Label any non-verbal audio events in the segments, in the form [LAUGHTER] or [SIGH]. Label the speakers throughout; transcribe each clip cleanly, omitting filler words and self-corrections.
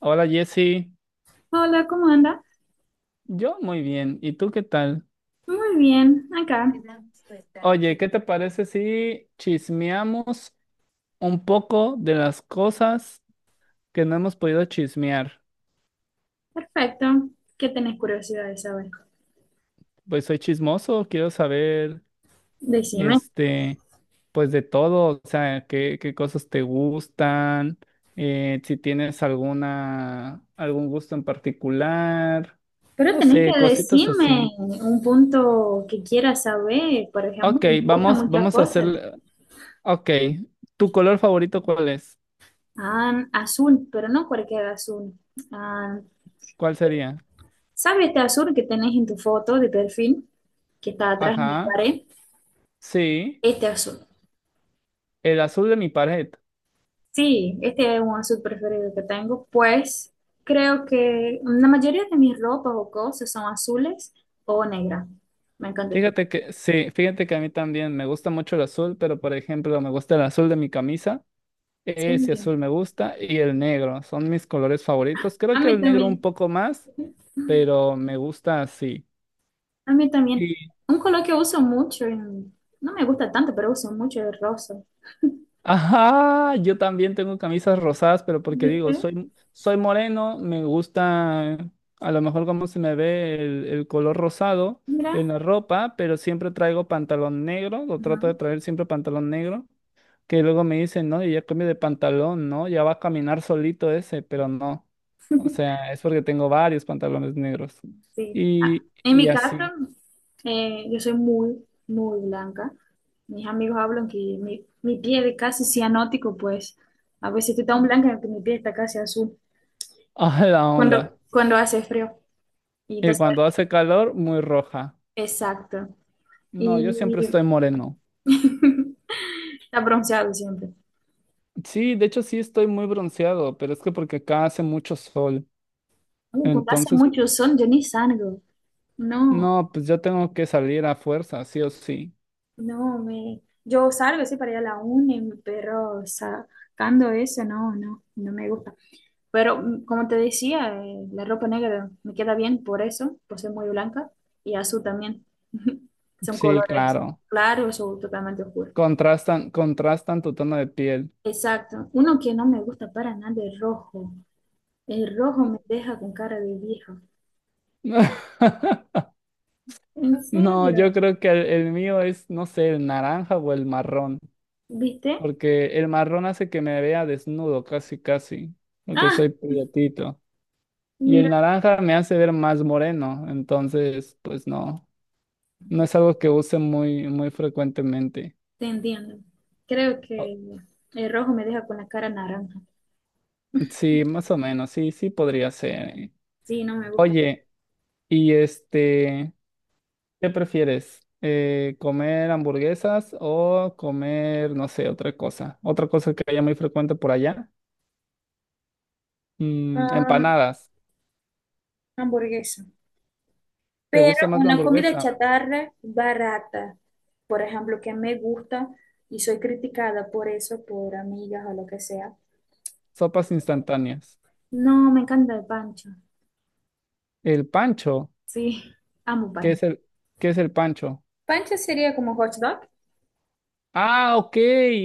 Speaker 1: Hola Jessy,
Speaker 2: Hola, ¿cómo anda?
Speaker 1: yo muy bien, ¿y tú qué tal?
Speaker 2: Muy bien, acá.
Speaker 1: Oye, ¿qué te parece si chismeamos un poco de las cosas que no hemos podido chismear?
Speaker 2: Perfecto. ¿Qué tenés curiosidad de saber?
Speaker 1: Pues soy chismoso, quiero saber,
Speaker 2: Decime.
Speaker 1: este, pues de todo, o sea, qué cosas te gustan, si tienes algún gusto en particular,
Speaker 2: Pero
Speaker 1: no
Speaker 2: tenés
Speaker 1: sé,
Speaker 2: que
Speaker 1: cositas
Speaker 2: decirme
Speaker 1: así.
Speaker 2: un punto que quieras saber. Por ejemplo,
Speaker 1: Ok,
Speaker 2: me gustan muchas
Speaker 1: vamos a hacer,
Speaker 2: cosas.
Speaker 1: ok, ¿tu color favorito cuál es?
Speaker 2: Ah, azul, pero no cualquier azul. Ah,
Speaker 1: ¿Cuál sería?
Speaker 2: ¿sabes este azul que tenés en tu foto de perfil? Que está atrás de la
Speaker 1: Ajá,
Speaker 2: pared.
Speaker 1: sí,
Speaker 2: Este azul.
Speaker 1: el azul de mi pared.
Speaker 2: Sí, este es un azul preferido que tengo, pues creo que la mayoría de mis ropas o cosas son azules o negras. Me encanta el color.
Speaker 1: Fíjate que a mí también me gusta mucho el azul, pero por ejemplo, me gusta el azul de mi camisa,
Speaker 2: Sí,
Speaker 1: ese azul me gusta, y el negro, son mis colores favoritos.
Speaker 2: a
Speaker 1: Creo que
Speaker 2: mí
Speaker 1: el negro un
Speaker 2: también,
Speaker 1: poco más, pero me gusta así.
Speaker 2: a mí también. Un color que uso mucho, no me gusta tanto, pero uso mucho el rosa.
Speaker 1: Ajá, yo también tengo camisas rosadas, pero porque
Speaker 2: ¿Viste?
Speaker 1: digo, soy moreno, me gusta a lo mejor cómo se me ve el color rosado en
Speaker 2: Mira.
Speaker 1: la ropa, pero siempre traigo pantalón negro, lo
Speaker 2: Ajá,
Speaker 1: trato de traer siempre pantalón negro, que luego me dicen, no, y ya cambio de pantalón, ¿no? Ya va a caminar solito ese, pero no. O sea, es porque tengo varios pantalones negros.
Speaker 2: sí. Ah, en
Speaker 1: Y
Speaker 2: mi caso,
Speaker 1: así.
Speaker 2: yo soy muy, muy blanca. Mis amigos hablan que mi piel es casi cianótico, pues a veces estoy tan blanca
Speaker 1: [LAUGHS]
Speaker 2: que mi piel está casi azul.
Speaker 1: A la onda.
Speaker 2: Cuando hace frío. Y
Speaker 1: Y
Speaker 2: entonces,
Speaker 1: cuando hace calor, muy roja.
Speaker 2: exacto.
Speaker 1: No,
Speaker 2: Y
Speaker 1: yo siempre estoy moreno.
Speaker 2: [LAUGHS] está bronceado siempre.
Speaker 1: Sí, de hecho sí estoy muy bronceado, pero es que porque acá hace mucho sol.
Speaker 2: Cuando hace
Speaker 1: Entonces,
Speaker 2: mucho sol, yo ni salgo. No,
Speaker 1: no, pues yo tengo que salir a fuerza, sí o sí.
Speaker 2: no, me... Yo salgo sí para ir a la uni, pero sacando eso, no, no, no me gusta. Pero como te decía, la ropa negra me queda bien por eso, por ser muy blanca, y azul también. [LAUGHS] Son
Speaker 1: Sí,
Speaker 2: colores
Speaker 1: claro.
Speaker 2: claros o totalmente oscuros.
Speaker 1: Contrastan, contrastan tu tono de piel.
Speaker 2: Exacto. Uno que no me gusta para nada es rojo. El rojo me deja con cara de vieja.
Speaker 1: [LAUGHS]
Speaker 2: ¿En
Speaker 1: No, yo
Speaker 2: serio?
Speaker 1: creo que el mío es, no sé, el naranja o el marrón,
Speaker 2: ¿Viste?
Speaker 1: porque el marrón hace que me vea desnudo casi, porque
Speaker 2: Ah,
Speaker 1: soy prietito. Y el
Speaker 2: mira,
Speaker 1: naranja me hace ver más moreno, entonces, pues no, no es algo que use muy frecuentemente.
Speaker 2: te entiendo. Creo
Speaker 1: Oh,
Speaker 2: que el rojo me deja con la cara naranja.
Speaker 1: sí, más o menos, sí podría ser.
Speaker 2: Sí, no me gusta.
Speaker 1: Oye, y este, ¿qué prefieres? ¿Comer hamburguesas o comer, no sé, otra cosa? Otra cosa que haya muy frecuente por allá. Mm,
Speaker 2: Am,
Speaker 1: empanadas.
Speaker 2: hamburguesa.
Speaker 1: ¿Te
Speaker 2: Pero
Speaker 1: gusta más la
Speaker 2: una comida
Speaker 1: hamburguesa?
Speaker 2: chatarra barata, por ejemplo, que me gusta y soy criticada por eso, por amigas o lo que sea.
Speaker 1: Sopas instantáneas.
Speaker 2: No, me encanta el pancho.
Speaker 1: El pancho.
Speaker 2: Sí, amo
Speaker 1: ¿Qué
Speaker 2: pancho.
Speaker 1: es qué es el pancho?
Speaker 2: Pancho sería como hot dog.
Speaker 1: Ah, ok.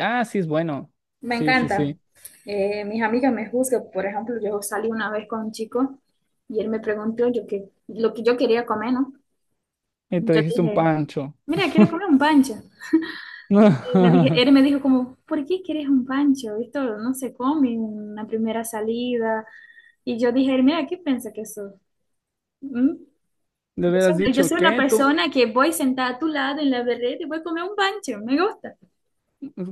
Speaker 1: Ah, sí es bueno.
Speaker 2: Me
Speaker 1: Sí, sí,
Speaker 2: encanta.
Speaker 1: sí.
Speaker 2: Mis amigas me juzgan. Por ejemplo, yo salí una vez con un chico y él me preguntó lo que yo quería comer, ¿no?
Speaker 1: Y te
Speaker 2: Yo
Speaker 1: dijiste un
Speaker 2: dije,
Speaker 1: pancho.
Speaker 2: mira, quiero comer un pancho.
Speaker 1: [LAUGHS] Le
Speaker 2: Y me dije, él me dijo como, ¿por qué quieres un pancho? Esto no se come en la primera salida. Y yo dije, mira, ¿qué piensa que eso? Yo
Speaker 1: hubieras
Speaker 2: soy, yo
Speaker 1: dicho,
Speaker 2: soy una
Speaker 1: ¿qué? ¿Tú?
Speaker 2: persona que voy sentada a tu lado en la vereda y voy a comer un pancho. Me gusta.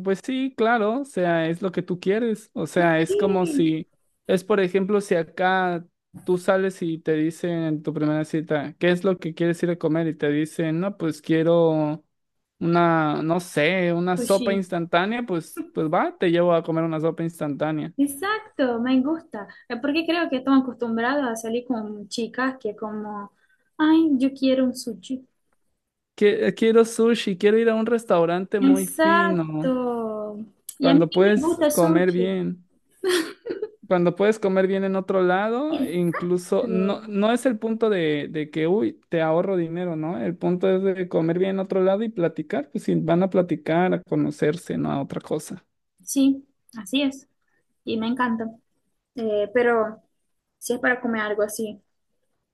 Speaker 1: Pues sí, claro, o sea, es lo que tú quieres. O sea, es como
Speaker 2: Sí,
Speaker 1: si, es por ejemplo, si acá tú sales y te dicen en tu primera cita, ¿qué es lo que quieres ir a comer? Y te dicen, no, pues quiero una, no sé, una sopa
Speaker 2: sushi.
Speaker 1: instantánea, pues, pues va, te llevo a comer una sopa instantánea.
Speaker 2: Exacto, me gusta, porque creo que están acostumbrados a salir con chicas que como, ay, yo quiero un sushi.
Speaker 1: Que- quiero sushi, quiero ir a un restaurante muy fino,
Speaker 2: Exacto. Y a mí
Speaker 1: cuando
Speaker 2: sí me
Speaker 1: puedes
Speaker 2: gusta
Speaker 1: comer
Speaker 2: sushi.
Speaker 1: bien. Cuando puedes comer bien en otro lado, incluso no,
Speaker 2: Exacto.
Speaker 1: no es el punto de que, uy, te ahorro dinero, ¿no? El punto es de comer bien en otro lado y platicar, pues si van a platicar, a conocerse, no a otra cosa.
Speaker 2: Sí, así es. Y me encanta. Pero si es para comer algo así,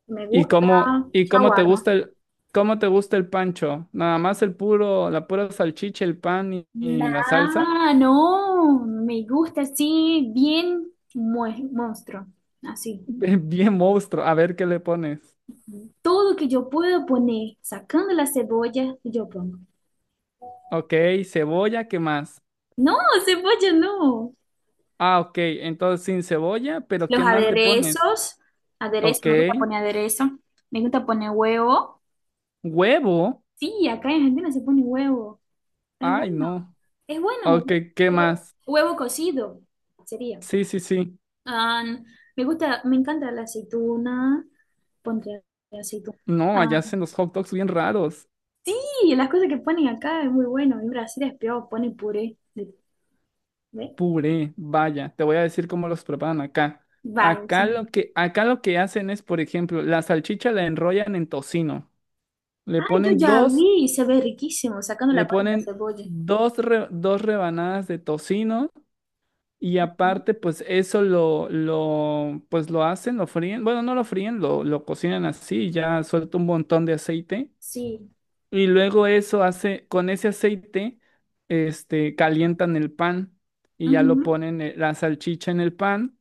Speaker 2: me gusta
Speaker 1: Y cómo te
Speaker 2: shawarma.
Speaker 1: gusta el, cómo te gusta el pancho? Nada más el puro, la pura salchicha, el pan y la salsa.
Speaker 2: Nah, no, me gusta así, monstruo, así.
Speaker 1: [LAUGHS] Bien monstruo, a ver qué le pones.
Speaker 2: Tudo que eu puedo poner, sacando la cebolla, eu pongo.
Speaker 1: Ok, cebolla, ¿qué más?
Speaker 2: No, cebolla no.
Speaker 1: Ah, ok, entonces sin cebolla, pero ¿qué
Speaker 2: Los
Speaker 1: más le pones?
Speaker 2: aderezos,
Speaker 1: Ok,
Speaker 2: aderezo, me gusta poner aderezo, me gusta poner huevo.
Speaker 1: huevo.
Speaker 2: Sí, acá en Argentina se pone huevo. Es
Speaker 1: Ay,
Speaker 2: bueno,
Speaker 1: no.
Speaker 2: es bueno.
Speaker 1: Ok, ¿qué
Speaker 2: Hue-
Speaker 1: más?
Speaker 2: Huevo cocido sería.
Speaker 1: Sí, sí, sí.
Speaker 2: Ah, me gusta, me encanta la aceituna, pondré aceituna.
Speaker 1: No, allá
Speaker 2: Ah,
Speaker 1: hacen los hot dogs bien raros.
Speaker 2: sí, las cosas que ponen acá es muy bueno. En Brasil es peor, ponen puré. ¿Ve?
Speaker 1: Puré, vaya, te voy a decir cómo los preparan acá.
Speaker 2: Va, sí.
Speaker 1: Acá lo acá lo que hacen es, por ejemplo, la salchicha la enrollan en tocino. Le
Speaker 2: Ay, yo
Speaker 1: ponen
Speaker 2: ya vi, se ve riquísimo, sacando la
Speaker 1: le
Speaker 2: parte de la
Speaker 1: ponen
Speaker 2: cebolla.
Speaker 1: dos rebanadas de tocino y
Speaker 2: Ujú.
Speaker 1: aparte, pues eso pues lo hacen, lo fríen. Bueno, no lo fríen, lo cocinan así, ya suelta un montón de aceite.
Speaker 2: Sí.
Speaker 1: Y luego eso hace, con ese aceite, calientan el pan y ya lo
Speaker 2: Ujú.
Speaker 1: ponen la salchicha en el pan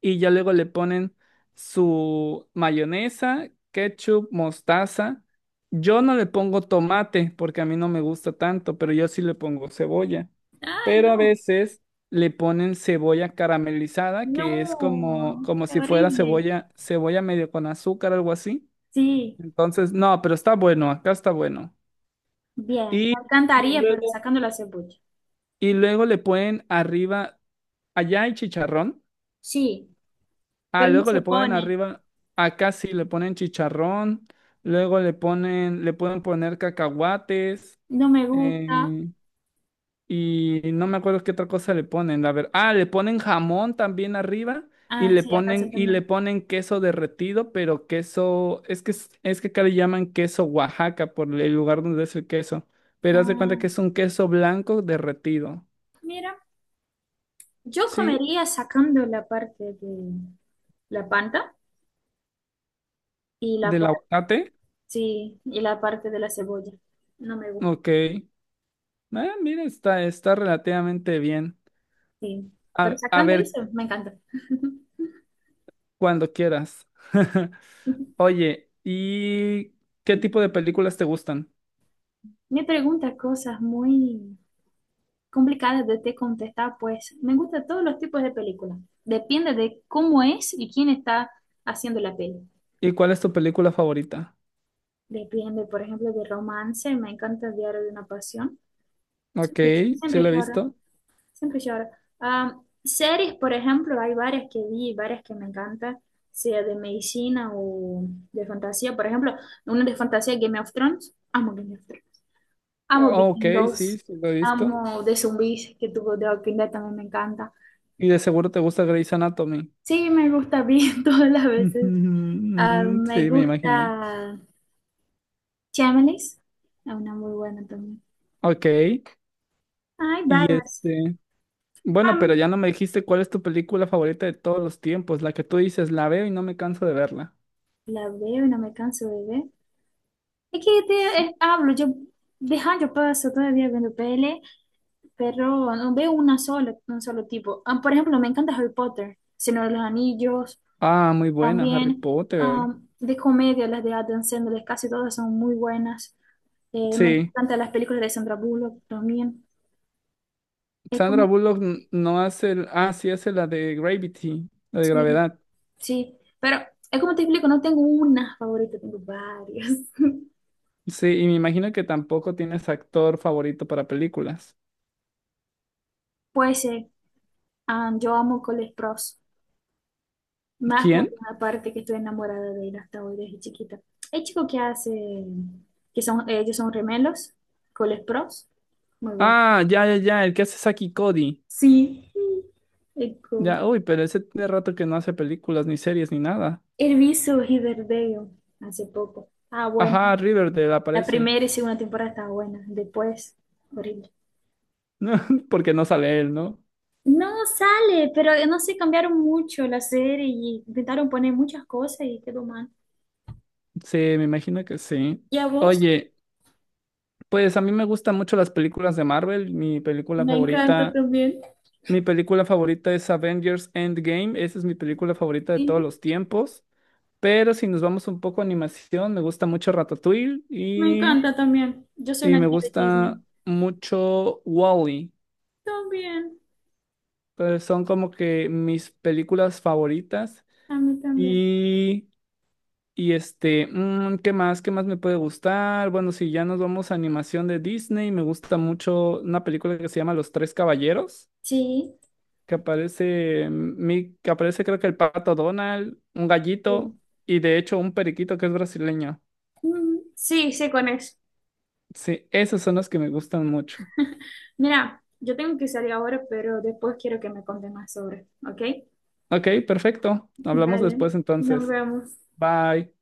Speaker 1: y ya luego le ponen su mayonesa, ketchup, mostaza. Yo no le pongo tomate porque a mí no me gusta tanto, pero yo sí le pongo cebolla.
Speaker 2: Ay,
Speaker 1: Pero a
Speaker 2: no,
Speaker 1: veces le ponen cebolla caramelizada, que es como,
Speaker 2: no,
Speaker 1: como
Speaker 2: qué
Speaker 1: si fuera
Speaker 2: horrible.
Speaker 1: cebolla medio con azúcar, algo así.
Speaker 2: Sí,
Speaker 1: Entonces, no, pero está bueno, acá está bueno.
Speaker 2: bien,
Speaker 1: Y,
Speaker 2: me
Speaker 1: y
Speaker 2: encantaría, pero
Speaker 1: luego,
Speaker 2: sacando la cebolla.
Speaker 1: y luego le ponen arriba, allá hay chicharrón.
Speaker 2: Sí,
Speaker 1: Ah,
Speaker 2: pero no
Speaker 1: luego
Speaker 2: se
Speaker 1: le ponen
Speaker 2: pone,
Speaker 1: arriba, acá sí le ponen chicharrón. Luego le ponen, le pueden poner cacahuates.
Speaker 2: no me gusta.
Speaker 1: Eh, y no me acuerdo qué otra cosa le ponen. A ver, ah, le ponen jamón también arriba.
Speaker 2: Ah, sí, acá se
Speaker 1: Y le
Speaker 2: también.
Speaker 1: ponen queso derretido, pero queso, es que acá le llaman queso Oaxaca por el lugar donde es el queso. Pero haz de cuenta
Speaker 2: Ah,
Speaker 1: que es un queso blanco derretido.
Speaker 2: mira, yo
Speaker 1: Sí,
Speaker 2: comería sacando la parte de la panta y la
Speaker 1: ¿del
Speaker 2: parte,
Speaker 1: aguacate?
Speaker 2: sí, y la parte de la cebolla. No me gusta,
Speaker 1: Ok. Ah, mira, está relativamente bien.
Speaker 2: sí. Pero
Speaker 1: A
Speaker 2: sacando
Speaker 1: ver
Speaker 2: eso, me encanta.
Speaker 1: cuando quieras. [LAUGHS]
Speaker 2: [LAUGHS]
Speaker 1: Oye, ¿y qué tipo de películas te gustan?
Speaker 2: Me pregunta cosas muy complicadas de te contestar, pues me gustan todos los tipos de películas. Depende de cómo es y quién está haciendo la peli.
Speaker 1: ¿Y cuál es tu película favorita?
Speaker 2: Depende, por ejemplo, de romance. Me encanta el Diario de una Pasión.
Speaker 1: Ok,
Speaker 2: Siempre,
Speaker 1: sí
Speaker 2: siempre
Speaker 1: la he
Speaker 2: lloro,
Speaker 1: visto.
Speaker 2: siempre lloro. Ah, series, por ejemplo, hay varias que vi, varias que me encantan, sea de medicina o de fantasía. Por ejemplo, una de fantasía, Game of Thrones. Amo Game of Thrones. Amo
Speaker 1: Oh, ok, sí,
Speaker 2: Vikingos,
Speaker 1: sí lo he visto.
Speaker 2: amo de zombies que tuvo The Walking Dead, también me encanta.
Speaker 1: Y de seguro te gusta Grey's Anatomy. [LAUGHS]
Speaker 2: Sí, me gusta bien [LAUGHS] todas las veces. Ah,
Speaker 1: Mm,
Speaker 2: me
Speaker 1: sí, me imaginé.
Speaker 2: gusta Shameless, es una muy buena también.
Speaker 1: Ok,
Speaker 2: Hay
Speaker 1: y
Speaker 2: varias.
Speaker 1: este, bueno, pero
Speaker 2: Am,
Speaker 1: ya no me dijiste cuál es tu película favorita de todos los tiempos, la que tú dices, la veo y no me canso de verla.
Speaker 2: la veo y no me canso de ver. Es que te,
Speaker 1: Sí.
Speaker 2: hablo, yo de años paso todavía viendo pele, pero no veo una sola, un solo tipo. Ah, por ejemplo, me encanta Harry Potter, Señor de los Anillos,
Speaker 1: Ah, muy buena, Harry
Speaker 2: también
Speaker 1: Potter.
Speaker 2: de comedia, las de Adam Sandler, casi todas son muy buenas. Me
Speaker 1: Sí,
Speaker 2: encantan las películas de Sandra Bullock también. Es
Speaker 1: Sandra
Speaker 2: como,
Speaker 1: Bullock n- no hace, el- ah, sí hace la de Gravity, la de
Speaker 2: sí,
Speaker 1: gravedad.
Speaker 2: sí, pero es como te explico, no tengo una favorita, tengo varias. [LAUGHS]
Speaker 1: Sí, y me imagino que tampoco tienes actor favorito para películas.
Speaker 2: Pues yo amo Cole Sprouse, más por
Speaker 1: ¿Quién?
Speaker 2: la parte que estoy enamorada de él hasta hoy desde chiquita. El chico que hace, que son, ellos son gemelos, Cole Sprouse, muy bueno.
Speaker 1: Ah, ya, ya, ya, el que hace Saki Cody.
Speaker 2: Sí. Es
Speaker 1: Ya, uy, pero ese tiene rato que no hace películas, ni series, ni nada.
Speaker 2: he visto Riverdale hace poco. Ah, bueno.
Speaker 1: Ajá, Riverdale
Speaker 2: La
Speaker 1: aparece.
Speaker 2: primera y
Speaker 1: [LAUGHS]
Speaker 2: segunda temporada está buena. Después, horrible.
Speaker 1: No, porque no sale él, ¿no?
Speaker 2: No sale, pero no sé, cambiaron mucho la serie y intentaron poner muchas cosas y quedó mal.
Speaker 1: Sí, me imagino que sí.
Speaker 2: ¿Y a vos?
Speaker 1: Oye, pues a mí me gustan mucho las películas de Marvel.
Speaker 2: Me encanta también.
Speaker 1: Mi película favorita es Avengers Endgame. Esa es mi película favorita de todos
Speaker 2: Sí,
Speaker 1: los tiempos. Pero si nos vamos un poco a animación, me gusta mucho Ratatouille
Speaker 2: me encanta también. Yo soy
Speaker 1: y
Speaker 2: una
Speaker 1: me
Speaker 2: niña de
Speaker 1: gusta
Speaker 2: Disney.
Speaker 1: mucho Wall-E.
Speaker 2: También,
Speaker 1: Pues son como que mis películas favoritas.
Speaker 2: a mí también.
Speaker 1: Y y este, mm, ¿qué más? ¿Qué más me puede gustar? Bueno, si ya nos vamos a animación de Disney, me gusta mucho una película que se llama Los Tres Caballeros,
Speaker 2: Sí,
Speaker 1: que aparece, que aparece creo que el pato Donald, un gallito
Speaker 2: sí.
Speaker 1: y de hecho un periquito que es brasileño.
Speaker 2: Mm, sí, sé con eso.
Speaker 1: Sí, esos son los que me gustan mucho.
Speaker 2: Mira, yo tengo que salir ahora, pero después quiero que me contes más sobre, ¿ok?
Speaker 1: Ok, perfecto. Hablamos
Speaker 2: Dale,
Speaker 1: después
Speaker 2: nos
Speaker 1: entonces.
Speaker 2: vemos.
Speaker 1: Bye.